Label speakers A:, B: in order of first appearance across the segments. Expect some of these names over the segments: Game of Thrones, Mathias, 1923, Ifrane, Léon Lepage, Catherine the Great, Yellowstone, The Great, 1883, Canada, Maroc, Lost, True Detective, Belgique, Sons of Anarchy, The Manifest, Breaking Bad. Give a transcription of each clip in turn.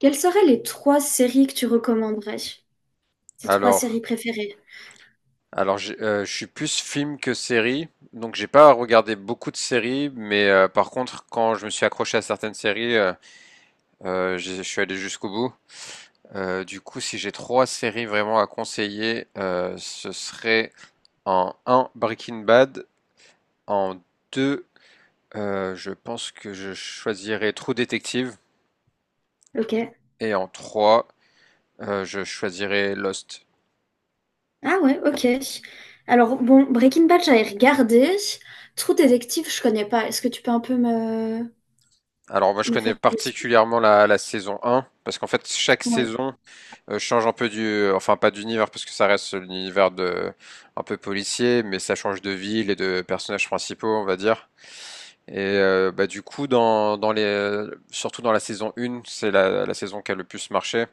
A: Quelles seraient les trois séries que tu recommanderais? Tes trois
B: Alors,
A: séries préférées?
B: alors, je suis plus film que série, donc j'ai pas regardé beaucoup de séries, mais par contre, quand je me suis accroché à certaines séries, je suis allé jusqu'au bout. Du coup, si j'ai trois séries vraiment à conseiller, ce serait en un Breaking Bad, en 2 je pense que je choisirais True Detective,
A: Ok.
B: et en 3 je choisirais Lost.
A: Ah ouais, ok. Alors, bon, Breaking Bad, j'avais regardé. True Detective, je connais pas. Est-ce que tu peux un peu me,
B: Alors moi je
A: me
B: connais
A: faire le speak?
B: particulièrement la saison un parce qu'en fait chaque
A: Ouais.
B: saison change un peu du, enfin pas d'univers parce que ça reste l'univers de un peu policier, mais ça change de ville et de personnages principaux, on va dire. Et bah, du coup, surtout dans la saison 1, c'est la saison qui a le plus marché.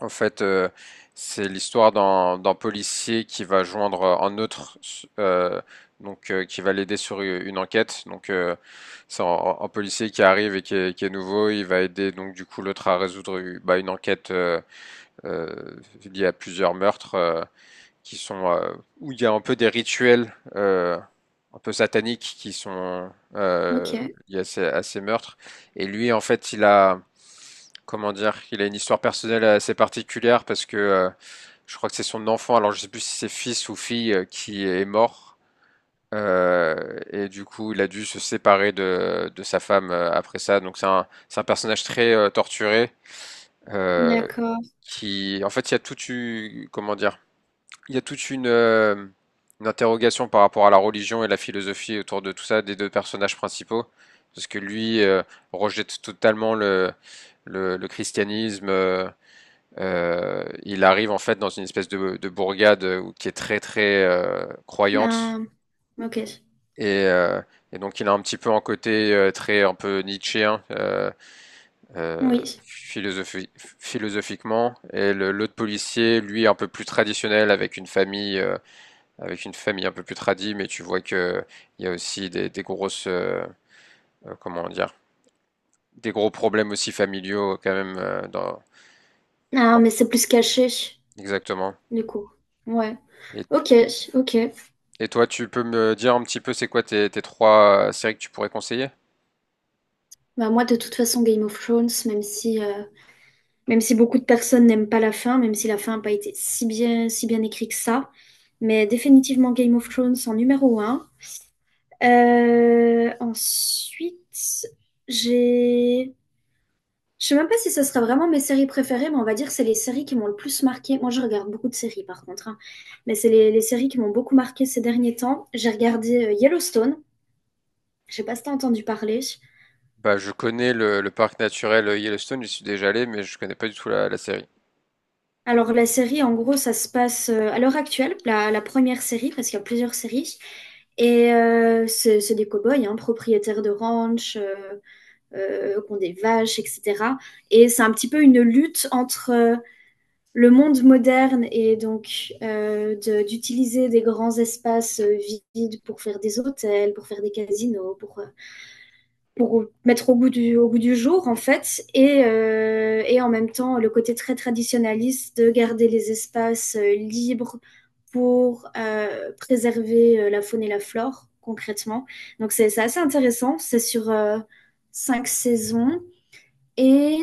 B: En fait, c'est l'histoire d'un policier qui va joindre un autre, euh, donc qui va l'aider sur une enquête. Donc c'est un policier qui arrive et qui est nouveau, il va aider donc du coup l'autre à résoudre bah, une enquête euh, il y a plusieurs meurtres qui sont où il y a un peu des rituels un peu sataniques qui sont euh,
A: Ok.
B: liés à ces meurtres. Et lui, en fait, comment dire, il a une histoire personnelle assez particulière parce que je crois que c'est son enfant, alors je sais plus si c'est fils ou fille qui est mort. Et du coup, il a dû se séparer de sa femme après ça. Donc c'est un personnage très torturé euh,
A: D'accord.
B: qui, en fait, il y a tout eu, comment dire, il y a toute une interrogation par rapport à la religion et la philosophie autour de tout ça des deux personnages principaux, parce que lui rejette totalement le christianisme. Il arrive en fait dans une espèce de bourgade qui est très très croyante,
A: Ah, ok.
B: et, euh, et donc il a un petit peu un côté très un peu nietzschéen, euh,
A: Oui.
B: philosophiquement, et l'autre policier lui un peu plus traditionnel avec une famille un peu plus tradie, mais tu vois que il y a aussi des grosses, comment dire, des gros problèmes aussi familiaux quand même dans,
A: Ah, mais
B: dans-
A: c'est plus caché,
B: exactement.
A: du coup. Ouais.
B: Et,
A: Ok, ok.
B: et toi, tu peux me dire un petit peu c'est quoi tes, tes trois séries que tu pourrais conseiller?
A: Bah moi, de toute façon, Game of Thrones, même si beaucoup de personnes n'aiment pas la fin, même si la fin n'a pas été si bien écrite que ça, mais définitivement Game of Thrones en numéro un. Ensuite, j'ai... Je sais même pas si ça sera vraiment mes séries préférées, mais on va dire que c'est les séries qui m'ont le plus marqué. Moi, je regarde beaucoup de séries, par contre, hein. Mais c'est les séries qui m'ont beaucoup marqué ces derniers temps. J'ai regardé Yellowstone. Je sais pas si t'as entendu parler.
B: Bah, je connais le parc naturel Yellowstone, j'y suis déjà allé, mais je connais pas du tout la, la série.
A: Alors la série, en gros, ça se passe à l'heure actuelle, la première série, parce qu'il y a plusieurs séries. Et c'est des cow-boys, hein, propriétaires de ranch, qui ont des vaches, etc. Et c'est un petit peu une lutte entre le monde moderne et donc d'utiliser des grands espaces vides pour faire des hôtels, pour faire des casinos, pour mettre au goût du jour, en fait, et en même temps le côté très traditionnaliste de garder les espaces libres pour préserver la faune et la flore, concrètement. Donc c'est assez intéressant, c'est sur cinq saisons, et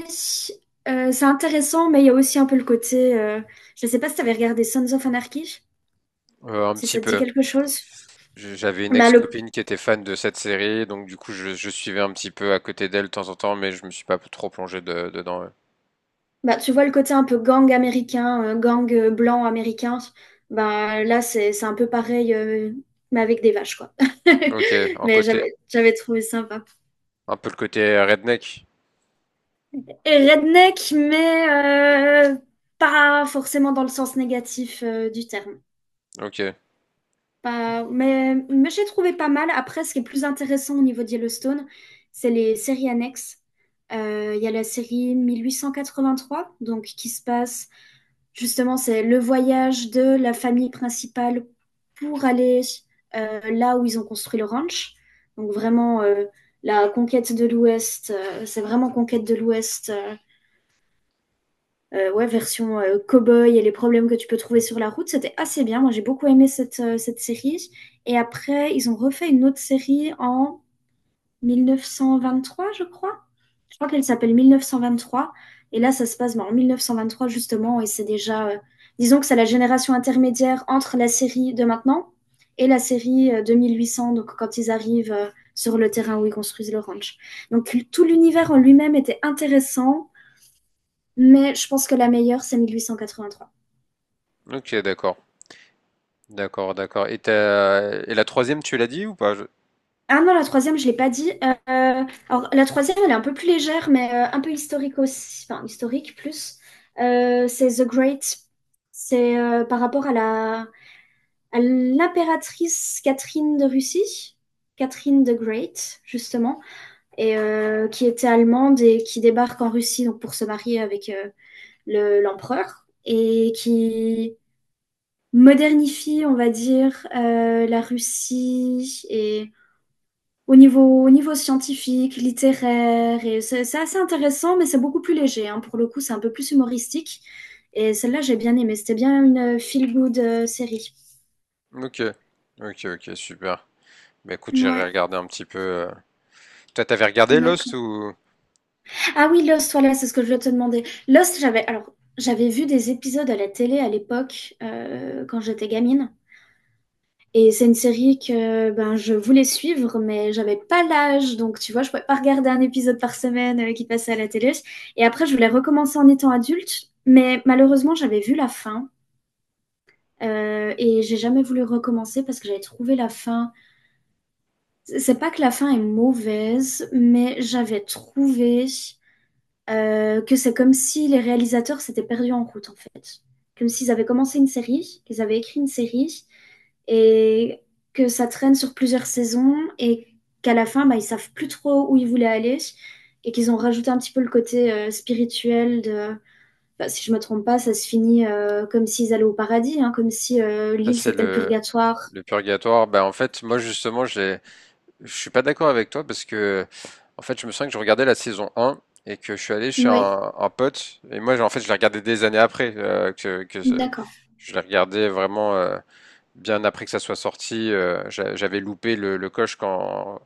A: euh, c'est intéressant, mais il y a aussi un peu le côté, je ne sais pas si tu avais regardé Sons of Anarchy,
B: Un
A: si
B: petit
A: ça te dit
B: peu.
A: quelque chose.
B: J'avais une
A: Bah, le,
B: ex-copine qui était fan de cette série, donc du coup je suivais un petit peu à côté d'elle de temps en temps, mais je me suis pas trop plongé dedans. Ouais.
A: Bah, tu vois le côté un peu gang américain, gang blanc américain, bah, là c'est un peu pareil, mais avec des vaches, quoi.
B: Ok, en
A: Mais
B: côté,
A: j'avais trouvé sympa.
B: un peu le côté redneck.
A: Et redneck, mais pas forcément dans le sens négatif du terme.
B: Ok,
A: Pas, mais j'ai trouvé pas mal. Après, ce qui est plus intéressant au niveau de Yellowstone, c'est les séries annexes. Il y a la série 1883, donc qui se passe. Justement, c'est le voyage de la famille principale pour aller là où ils ont construit le ranch. Donc vraiment, la conquête de l'Ouest, c'est vraiment conquête de l'Ouest, ouais, version cow-boy et les problèmes que tu peux trouver sur la route. C'était assez bien. Moi, j'ai beaucoup aimé cette série. Et après, ils ont refait une autre série en 1923 je crois. Je crois qu'elle s'appelle 1923. Et là, ça se passe ben, en trois justement. Et c'est déjà, disons que c'est la génération intermédiaire entre la série de maintenant et la série 2800, donc quand ils arrivent sur le terrain où ils construisent le ranch. Donc tout l'univers en lui-même était intéressant, mais je pense que la meilleure, c'est 1883.
B: ok, d'accord, d'accord, d'accord. Et et la troisième, tu l'as dit ou pas?
A: Ah non, la troisième, je l'ai pas dit. Alors, la troisième, elle est un peu plus légère, mais un peu historique aussi. Enfin, historique plus. C'est The Great. C'est par rapport à à l'impératrice Catherine de Russie. Catherine the Great, justement, et qui était allemande et qui débarque en Russie donc pour se marier avec l'empereur et qui modernifie, on va dire, la Russie et au niveau scientifique, littéraire, et c'est assez intéressant, mais c'est beaucoup plus léger. Hein. Pour le coup, c'est un peu plus humoristique. Et celle-là, j'ai bien aimé. C'était bien une feel-good série.
B: Ok, ok, ok, super. Bah écoute, j'irai
A: Ouais,
B: regarder un petit peu. Toi, t'avais regardé Lost
A: d'accord.
B: ou
A: Ah oui, Lost, voilà, c'est ce que je voulais te demander. Lost, alors, j'avais vu des épisodes à la télé à l'époque, quand j'étais gamine. Et c'est une série que ben, je voulais suivre, mais j'avais pas l'âge. Donc, tu vois, je pouvais pas regarder un épisode par semaine qui passait à la télé. Et après, je voulais recommencer en étant adulte. Mais malheureusement, j'avais vu la fin. Et j'ai jamais voulu recommencer parce que j'avais trouvé la fin. C'est pas que la fin est mauvaise, mais j'avais trouvé que c'est comme si les réalisateurs s'étaient perdus en route, en fait. Comme s'ils avaient commencé une série, qu'ils avaient écrit une série et que ça traîne sur plusieurs saisons et qu'à la fin, bah, ils ne savent plus trop où ils voulaient aller et qu'ils ont rajouté un petit peu le côté spirituel de... Bah, si je me trompe pas, ça se finit comme s'ils allaient au paradis, hein, comme si
B: ça
A: l'île
B: c'est
A: c'était le purgatoire.
B: le purgatoire? Bah en fait, moi justement, je suis pas d'accord avec toi parce que en fait, je me souviens que je regardais la saison un et que je suis allé chez
A: Oui,
B: un pote et moi, en fait, je l'ai regardé des années après
A: d'accord.
B: je l'ai regardé vraiment. Bien après que ça soit sorti, j'avais loupé le coche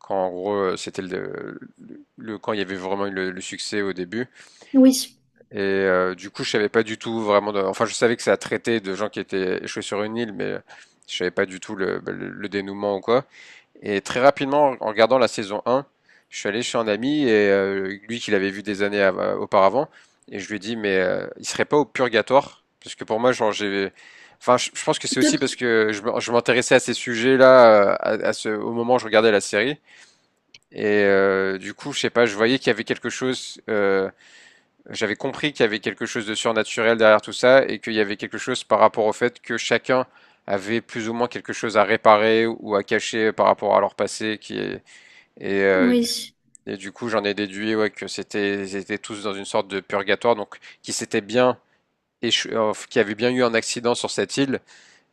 B: quand en gros c'était quand il y avait vraiment eu le succès au début.
A: Oui,
B: Et du coup, je savais pas du tout vraiment. Enfin, je savais que ça traitait de gens qui étaient échoués sur une île, mais je savais pas du tout bah, le dénouement ou quoi. Et très rapidement, en regardant la saison 1, je suis allé chez un ami, et lui qui l'avait vu des années auparavant, et je lui ai dit, mais il serait pas au purgatoire? Parce que pour moi, genre, Enfin, je pense que c'est aussi parce que je m'intéressais à ces sujets-là, à ce, au moment où je regardais la série. Et du coup, je sais pas, je voyais qu'il y avait quelque chose, j'avais compris qu'il y avait quelque chose de surnaturel derrière tout ça et qu'il y avait quelque chose par rapport au fait que chacun avait plus ou moins quelque chose à réparer ou à cacher par rapport à leur passé qui est, et, euh, du,
A: oui,
B: et du coup, j'en ai déduit ouais, que c'était, ils étaient tous dans une sorte de purgatoire, donc qui s'étaient bien qui avaient bien eu un accident sur cette île,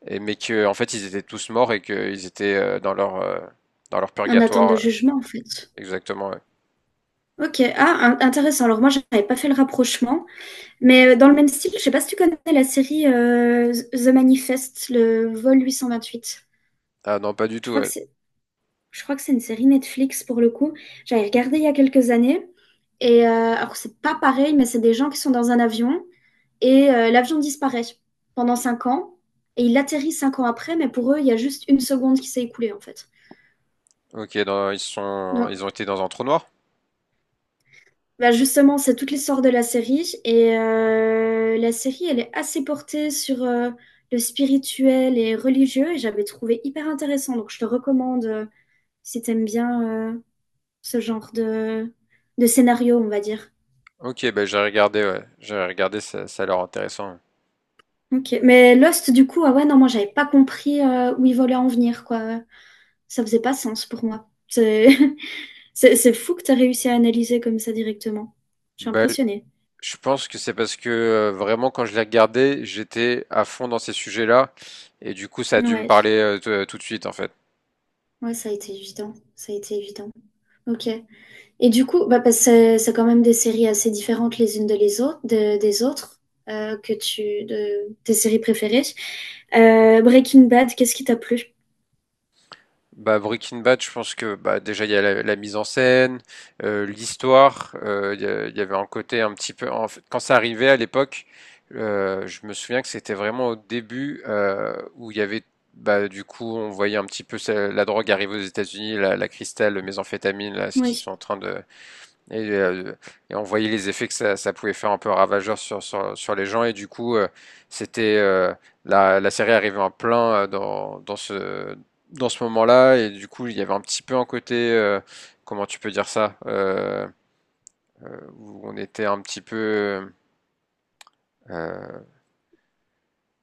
B: et, mais que en fait ils étaient tous morts et qu'ils étaient dans leur
A: en attente de
B: purgatoire. Ouais.
A: jugement en fait.
B: Exactement. Ouais.
A: Ok, ah, intéressant. Alors moi, j'avais pas fait le rapprochement. Mais dans le même style, je sais pas si tu connais la série The Manifest, le vol 828.
B: Ah non, pas du
A: Je
B: tout.
A: crois que
B: Ouais.
A: c'est, je crois que c'est une série Netflix pour le coup. J'avais regardé il y a quelques années. Et alors c'est pas pareil, mais c'est des gens qui sont dans un avion et l'avion disparaît pendant 5 ans et il atterrit 5 ans après, mais pour eux il y a juste une seconde qui s'est écoulée en fait.
B: Ok, ils sont,
A: Donc
B: ils ont été dans un trou noir.
A: Bah justement, c'est toute l'histoire de la série et la série, elle est assez portée sur le spirituel et religieux et j'avais trouvé hyper intéressant. Donc je te recommande si t'aimes bien ce genre de scénario, on va dire.
B: Ok, ben j'ai regardé, ouais. J'ai regardé, ça a l'air intéressant. Ouais.
A: Ok, mais Lost, du coup, ah ouais, non, moi j'avais pas compris où ils voulaient en venir, quoi. Ça faisait pas sens pour moi. C'est c'est fou que t'as réussi à analyser comme ça directement. Je suis
B: Bah,
A: impressionnée.
B: je pense que c'est parce que vraiment quand je l'ai regardé, j'étais à fond dans ces sujets-là et du coup ça a dû me parler
A: Ouais,
B: tout de suite en fait.
A: ouais, ça a été évident, ça a été évident. Ok. Et du coup, bah, parce que c'est quand même des séries assez différentes les unes de les autres, des autres, tes séries préférées. Breaking Bad, qu'est-ce qui t'a plu?
B: Bah Breaking Bad, je pense que bah déjà il y a la, la mise en scène, l'histoire, il y avait un côté un petit peu en fait quand ça arrivait à l'époque, je me souviens que c'était vraiment au début où il y avait bah du coup on voyait un petit peu la drogue arriver aux États-Unis, la cristal, le méthamphétamine là, ce qu'ils
A: Oui.
B: sont en train de. Et, euh, et on voyait les effets que ça pouvait faire un peu ravageur sur, sur, sur les gens. Et du coup, c'était la, la série arrivait en plein dans, dans ce moment-là. Et du coup, il y avait un petit peu un côté, comment tu peux dire ça, où on était un petit peu euh,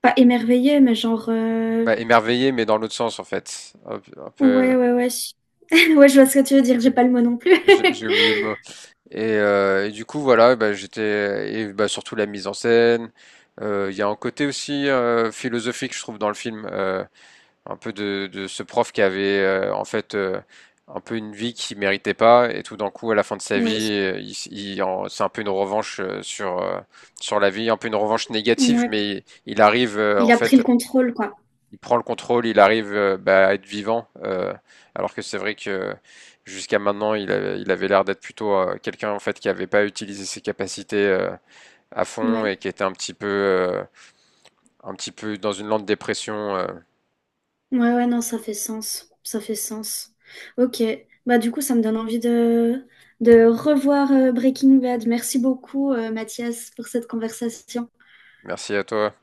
A: Pas émerveillé, mais genre,
B: bah, émerveillé, mais dans l'autre sens, en fait. Un peu,
A: ouais, ouais, ouais. Ouais, je vois ce que tu veux dire, j'ai pas le mot non plus.
B: j'ai oublié le mot. Et du coup, voilà, bah, j'étais et bah, surtout la mise en scène. Il y a un côté aussi philosophique, je trouve, dans le film, un peu de ce prof qui avait en fait un peu une vie qu'il méritait pas, et tout d'un coup, à la fin de sa
A: Oui.
B: vie, c'est un peu une revanche sur la vie, un peu une revanche négative,
A: Ouais.
B: mais arrive
A: Il
B: en
A: a pris
B: fait
A: le contrôle, quoi.
B: il prend le contrôle, il arrive bah, à être vivant, alors que c'est vrai que jusqu'à maintenant, il avait l'air d'être plutôt quelqu'un en fait qui n'avait pas utilisé ses capacités à fond
A: Ouais.
B: et qui était un petit peu dans une lente dépression.
A: Ouais, ouais, non, ça fait sens. Ça fait sens. Ok. Bah, du coup, ça me donne envie de revoir Breaking Bad. Merci beaucoup, Mathias, pour cette conversation.
B: Merci à toi.